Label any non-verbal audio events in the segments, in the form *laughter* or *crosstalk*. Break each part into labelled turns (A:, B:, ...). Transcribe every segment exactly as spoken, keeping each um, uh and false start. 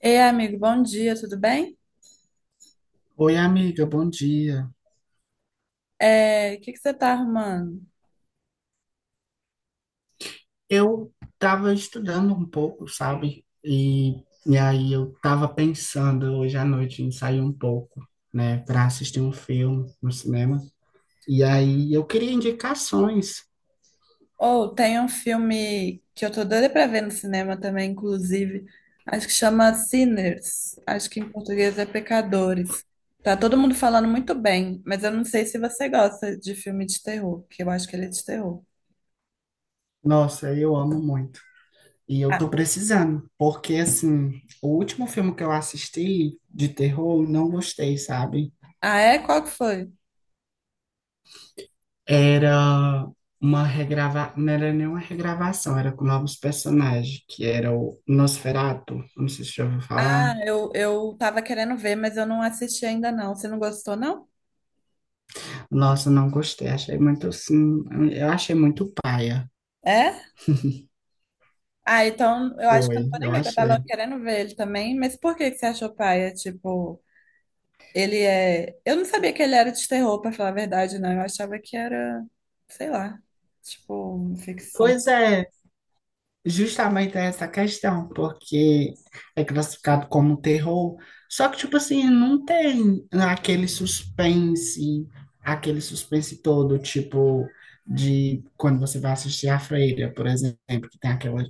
A: Ei, amigo, bom dia, tudo bem?
B: Oi, amiga, bom dia.
A: É, o que que você tá arrumando?
B: Eu estava estudando um pouco, sabe? E, e aí eu estava pensando hoje à noite em sair um pouco, né, para assistir um filme no cinema. E aí eu queria indicações.
A: Ou tem um filme que eu tô doida pra ver no cinema também, inclusive. Acho que chama Sinners. Acho que em português é Pecadores. Tá todo mundo falando muito bem, mas eu não sei se você gosta de filme de terror, que eu acho que ele é de terror.
B: Nossa, eu amo muito. E eu tô
A: Ah,
B: precisando, porque assim, o último filme que eu assisti de terror, eu não gostei, sabe?
A: ah, é? Qual que foi?
B: Era uma regrava... Não era nenhuma regravação, era com novos personagens, que era o Nosferatu, não sei se você já ouviu
A: Ah,
B: falar.
A: eu, eu tava querendo ver, mas eu não assisti ainda não. Você não gostou, não?
B: Nossa, não gostei, achei muito, sim, eu achei muito paia.
A: É? Ah, então eu acho que eu não
B: Foi,
A: vou nem
B: eu
A: ver, que eu tava
B: achei.
A: querendo ver ele também. Mas por que que você achou paia? Tipo, ele é. Eu não sabia que ele era de terror, pra falar a verdade, não. Eu achava que era, sei lá, tipo, ficção.
B: Pois é, justamente essa questão, porque é classificado como terror, só que, tipo assim, não tem aquele suspense, aquele suspense todo, tipo, de quando você vai assistir A Freira, por exemplo, que tem aquela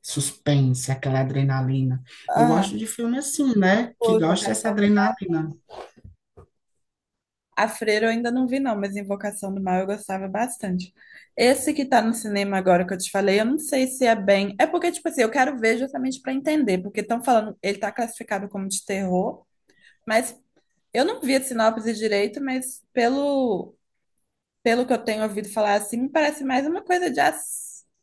B: suspense, aquela adrenalina. Eu
A: Ah,
B: gosto de filme assim, né? Que
A: tipo,
B: gosta dessa
A: Invocação do Mal.
B: adrenalina.
A: A Freira eu ainda não vi, não, mas Invocação do Mal eu gostava bastante. Esse que tá no cinema agora que eu te falei, eu não sei se é bem. É porque, tipo assim, eu quero ver justamente pra entender, porque estão falando, ele tá classificado como de terror. Mas eu não vi a sinopse direito, mas pelo, pelo que eu tenho ouvido falar assim, me parece mais uma coisa de ac-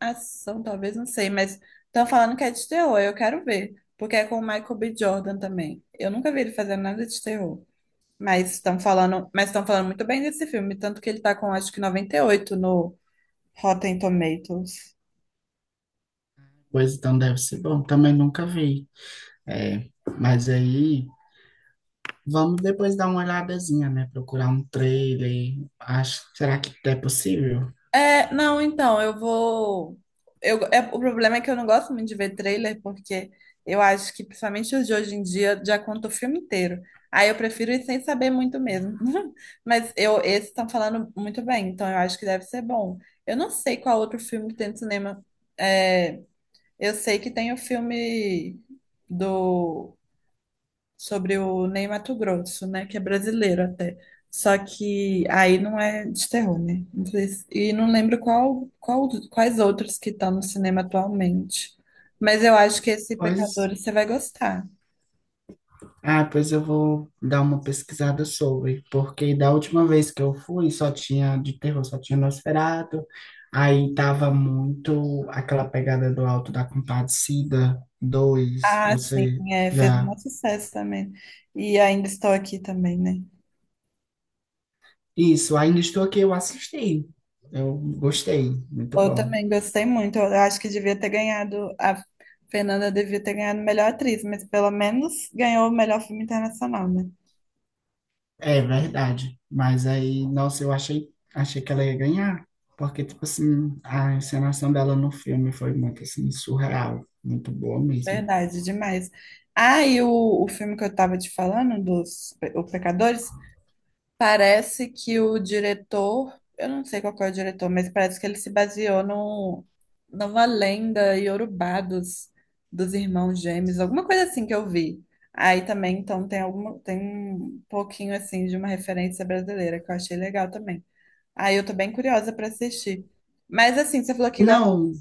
A: ação, talvez, não sei, mas estão falando que é de terror, eu quero ver, porque é com o Michael B. Jordan também. Eu nunca vi ele fazer nada de terror, mas estão falando, mas estão falando muito bem desse filme, tanto que ele tá com acho que noventa e oito no Rotten Tomatoes.
B: Pois então deve ser bom, também nunca vi. É, mas aí. Vamos depois dar uma olhadazinha, né? Procurar um trailer. Acho, será que é possível?
A: É, não, então, eu vou. Eu, é, o problema é que eu não gosto muito de ver trailer, porque eu acho que, principalmente os de hoje em dia, já conta o filme inteiro. Aí eu prefiro ir sem saber muito mesmo. *laughs* Mas eu, esses estão falando muito bem, então eu acho que deve ser bom. Eu não sei qual outro filme que tem no cinema. É, eu sei que tem o filme do sobre o Ney Matogrosso, né? Que é brasileiro até. Só que aí não é de terror, né? Não sei se- E não lembro qual, qual, quais outros que estão no cinema atualmente. Mas eu acho que esse
B: Pois,
A: Pecadores você vai gostar.
B: ah, pois eu vou dar uma pesquisada sobre, porque da última vez que eu fui só tinha de terror, só tinha Nosferatu. Aí tava muito aquela pegada do Alto da Compadecida dois.
A: Ah, sim,
B: Você
A: é, fez
B: já.
A: um sucesso também. E ainda estou aqui também, né?
B: Isso, ainda estou aqui, eu assisti. Eu gostei, muito
A: Eu
B: bom.
A: também gostei muito. Eu acho que devia ter ganhado, a Fernanda devia ter ganhado melhor atriz, mas pelo menos ganhou o melhor filme internacional, né?
B: É verdade. Mas aí, nossa, eu achei, achei que ela ia ganhar, porque, tipo assim, a encenação dela no filme foi muito, assim, surreal, muito boa mesmo.
A: Verdade, demais. Ah, e o, o filme que eu tava te falando, dos Pe- o Pecadores, parece que o diretor, eu não sei qual que é o diretor, mas parece que ele se baseou no, numa lenda iorubá dos, dos irmãos gêmeos, alguma coisa assim que eu vi. Aí também, então, tem alguma, tem um pouquinho assim de uma referência brasileira que eu achei legal também. Aí eu tô bem curiosa pra assistir. Mas assim, você falou que gosta.
B: Não,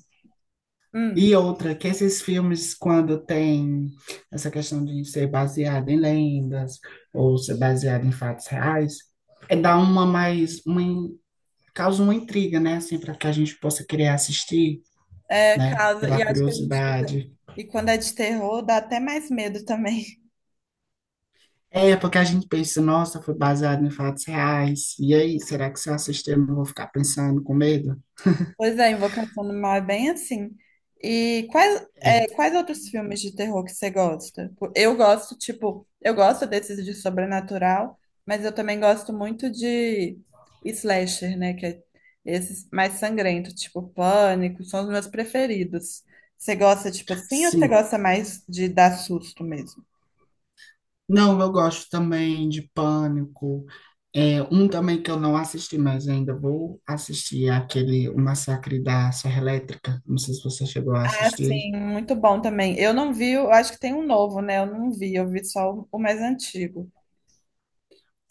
B: e
A: Hum.
B: outra, que esses filmes, quando tem essa questão de ser baseado em lendas ou ser baseado em fatos reais, é dá uma mais, uma, in- causa uma intriga, né, assim, para que a gente possa querer assistir,
A: É,
B: né,
A: causa. E
B: pela
A: acho que a gente fica.
B: curiosidade.
A: E quando é de terror, dá até mais medo também. *laughs*
B: É, porque a gente pensa, nossa, foi baseado em fatos reais. E aí, será que se eu assistir eu não vou ficar pensando com medo?
A: Pois é, Invocação do Mal é bem assim. E quais,
B: É.
A: é, quais outros filmes de terror que você gosta? Pô, eu gosto, tipo, eu gosto desses de sobrenatural, mas eu também gosto muito de slasher, né? Que é esses mais sangrentos, tipo Pânico, são os meus preferidos. Você gosta, tipo assim, ou você
B: Sim.
A: gosta mais de dar susto mesmo?
B: Não, eu gosto também de Pânico. É, um também que eu não assisti, mas ainda vou assistir é aquele O Massacre da Serra Elétrica. Não sei se você chegou a
A: Ah,
B: assistir.
A: sim, muito bom também. Eu não vi, eu acho que tem um novo, né? Eu não vi, eu vi só o o mais antigo.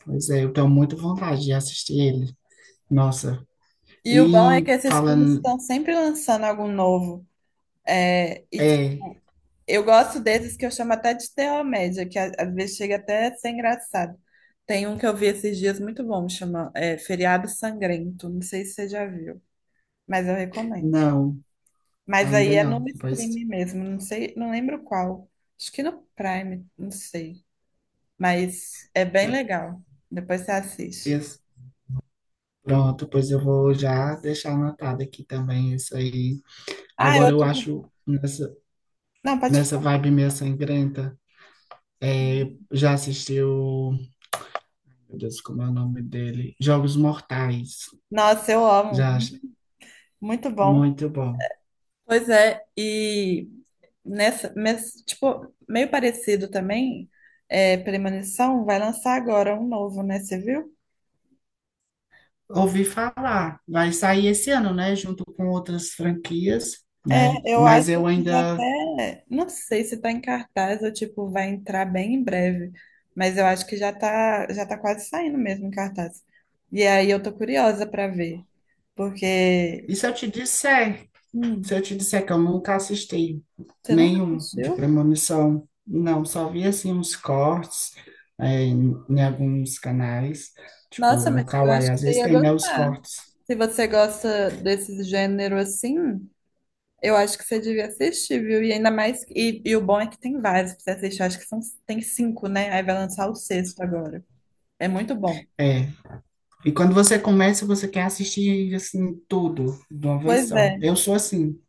B: Pois é, eu tenho muita vontade de assistir ele. Nossa.
A: E o bom é que
B: E
A: esses filmes
B: falando.
A: estão sempre lançando algo novo. É, e
B: É,
A: tipo, eu gosto desses que eu chamo até de terror média, que a- às vezes chega até a ser engraçado. Tem um que eu vi esses dias muito bom, chama é, Feriado Sangrento. Não sei se você já viu, mas eu recomendo.
B: não,
A: Mas aí
B: ainda
A: é no
B: não. Pois
A: streaming mesmo, não sei, não lembro qual. Acho que no Prime, não sei. Mas é bem
B: é,
A: legal. Depois você assiste.
B: esse- pronto, pois eu vou já deixar anotado aqui também isso aí.
A: Ah, é
B: Agora eu
A: outro que.
B: acho nessa,
A: Não, pode
B: nessa
A: falar.
B: vibe meio sangrenta. É, já assistiu, meu Deus, como é o nome dele? Jogos Mortais.
A: Nossa, eu amo.
B: Já, acho-
A: Muito bom.
B: muito bom.
A: Pois é, e nessa, mes- tipo, meio parecido também, é, Premonição vai lançar agora um novo, né? Você viu?
B: Ouvi falar, vai sair esse ano, né? Junto com outras franquias, né?
A: É, eu
B: Mas
A: acho
B: eu
A: que já
B: ainda.
A: até. Não sei se tá em cartaz ou tipo, vai entrar bem em breve. Mas eu acho que já tá, já tá quase saindo mesmo em cartaz. E aí eu tô curiosa pra ver. Porque.
B: E se eu te disser Se eu
A: Hum.
B: te disser que eu nunca assisti
A: Você nunca
B: nenhum de
A: assistiu?
B: premonição, não, só vi assim uns cortes, é, em, em alguns canais, tipo
A: Nossa,
B: no
A: mas eu
B: Kawaii,
A: acho que
B: às
A: você
B: vezes
A: ia
B: tem né, os
A: gostar.
B: cortes.
A: Se você gosta desse gênero assim, eu acho que você devia assistir, viu? E ainda mais. E, e o bom é que tem vários pra você assistir. Acho que são, tem cinco, né? Aí vai lançar o sexto agora. É muito bom.
B: É. E quando você começa, você quer assistir assim tudo de uma vez
A: Pois
B: só.
A: é.
B: Eu sou assim,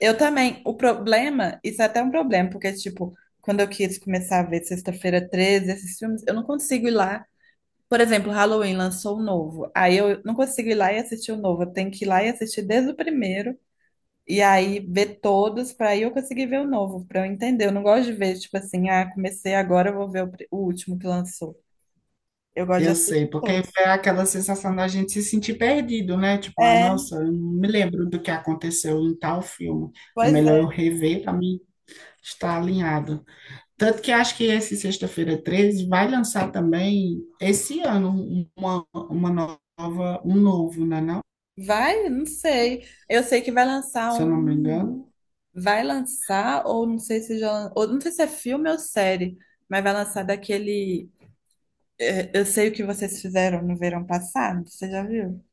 A: Eu também. O problema, isso é até um problema, porque, tipo, quando eu quis começar a ver Sexta-feira treze, esses filmes, eu não consigo ir lá. Por exemplo, Halloween lançou o novo. Aí eu não consigo ir lá e assistir o novo. Eu tenho que ir lá e assistir desde o primeiro. E aí ver todos para aí eu conseguir ver o novo, para eu entender. Eu não gosto de ver, tipo assim, ah, comecei agora, eu vou ver o, pri- o último que lançou. Eu gosto de
B: eu sei,
A: assistir
B: porque
A: todos.
B: é aquela sensação da gente se sentir perdido, né? Tipo, ah,
A: É,
B: nossa, eu não me lembro do que aconteceu em tal filme. É
A: pois
B: melhor eu
A: é.
B: rever para mim estar alinhado. Tanto que acho que esse Sexta-feira treze vai lançar também esse ano uma, uma nova, um novo, né, não?
A: Vai? Não sei. Eu sei que vai lançar
B: Se eu não me
A: um.
B: engano.
A: Vai lançar, ou não sei se já. Ou não sei se é filme ou série, mas vai lançar daquele. é, Eu sei o que vocês fizeram no verão passado. Você já viu?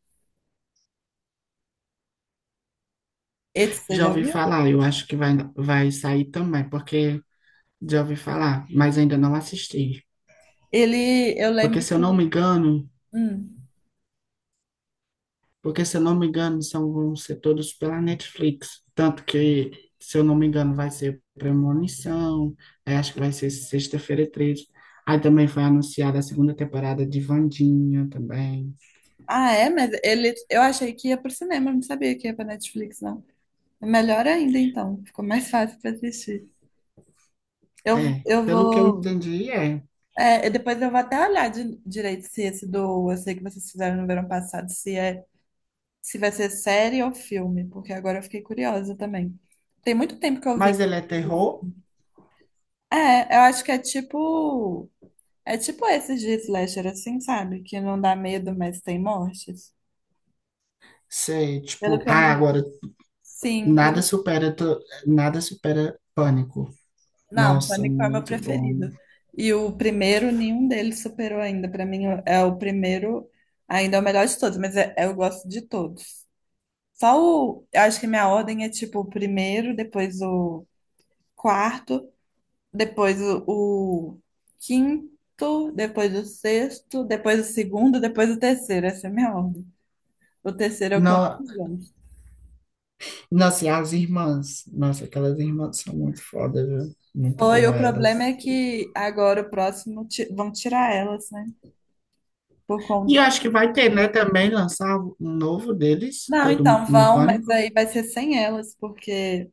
A: Esse você
B: Já
A: já
B: ouvi
A: viu?
B: falar, eu acho que vai, vai sair também, porque já ouvi falar, mas ainda não assisti.
A: Ele, eu
B: Porque
A: lembro
B: se eu não me
A: que.
B: engano,
A: Hum.
B: porque se eu não me engano, são, vão ser todos pela Netflix. Tanto que, se eu não me engano, vai ser Premonição, aí acho que vai ser Sexta-feira treze. Aí também foi anunciada a segunda temporada de Vandinha também.
A: Ah, é? Mas ele, eu achei que ia pro cinema, não sabia que ia pra Netflix, não. É melhor ainda, então. Ficou mais fácil pra assistir. Eu,
B: É,
A: eu
B: pelo que eu
A: vou.
B: entendi, é.
A: É, e depois eu vou até olhar de- direito se esse do. Eu sei que vocês fizeram no verão passado, se é, se vai ser série ou filme, porque agora eu fiquei curiosa também. Tem muito tempo que eu vi.
B: Mas ele é
A: Inclusive.
B: terror,
A: É, eu acho que é tipo. É tipo esses de slasher, assim, sabe? Que não dá medo, mas tem mortes.
B: sei,
A: Pelo
B: tipo,
A: que eu
B: ah,
A: me.
B: agora
A: Sim.
B: nada supera, tu- nada supera pânico.
A: Não,
B: Nossa,
A: Pânico é o meu
B: muito bom.
A: preferido. E o primeiro, nenhum deles superou ainda. Pra mim, é o primeiro, ainda é o melhor de todos, mas é- é, eu gosto de todos. Só o. Eu acho que minha ordem é tipo o primeiro, depois o quarto, depois o, o quinto, depois o sexto, depois o segundo, depois o terceiro. Essa é a minha ordem. O terceiro é o que eu
B: No,
A: menos gosto.
B: nossa, e as irmãs, nossa, aquelas irmãs são muito foda, viu? Muito
A: Foi, o
B: boa elas.
A: problema é que agora o próximo ti- vão tirar elas, né? Por
B: E eu
A: conta.
B: acho que vai ter, né, também lançar um novo deles,
A: Não,
B: todo mu-
A: então
B: no
A: vão, mas
B: pânico.
A: aí vai ser sem elas, porque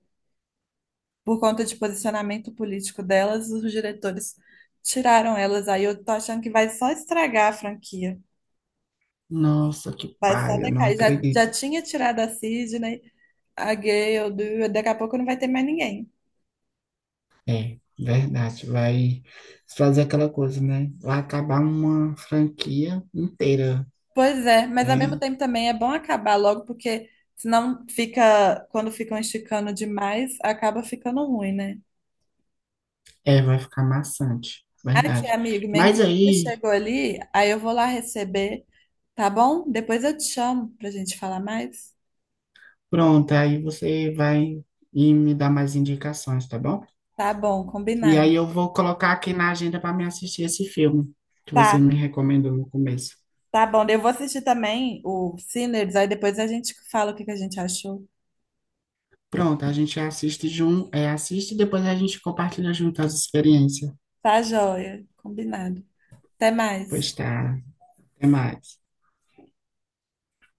A: por conta de posicionamento político delas, os diretores tiraram elas. Aí eu tô achando que vai só estragar a franquia.
B: Nossa, que
A: Vai só
B: paia, não
A: decair. Já, já
B: acredito.
A: tinha tirado a Sidney, a Gale, Du- daqui a pouco não vai ter mais ninguém.
B: É, verdade. Vai fazer aquela coisa, né? Vai acabar uma franquia inteira,
A: Pois é, mas ao mesmo
B: né?
A: tempo também é bom acabar logo, porque senão fica, quando ficam esticando demais, acaba ficando ruim, né?
B: É, vai ficar maçante,
A: Aqui,
B: verdade.
A: amigo, minha
B: Mas
A: encomenda
B: aí,
A: chegou ali, aí eu vou lá receber, tá bom? Depois eu te chamo pra gente falar mais.
B: pronto, aí você vai e me dar mais indicações, tá bom?
A: Tá bom,
B: E
A: combinado.
B: aí eu vou colocar aqui na agenda para me assistir esse filme que você
A: Tá,
B: me recomendou no começo.
A: tá bom. Eu vou assistir também o Sinners, aí depois a gente fala o que que a gente achou.
B: Pronto, a gente assiste junto, é, assiste e depois a gente compartilha junto as experiências.
A: Tá joia, combinado. Até
B: Pois
A: mais.
B: tá, até mais.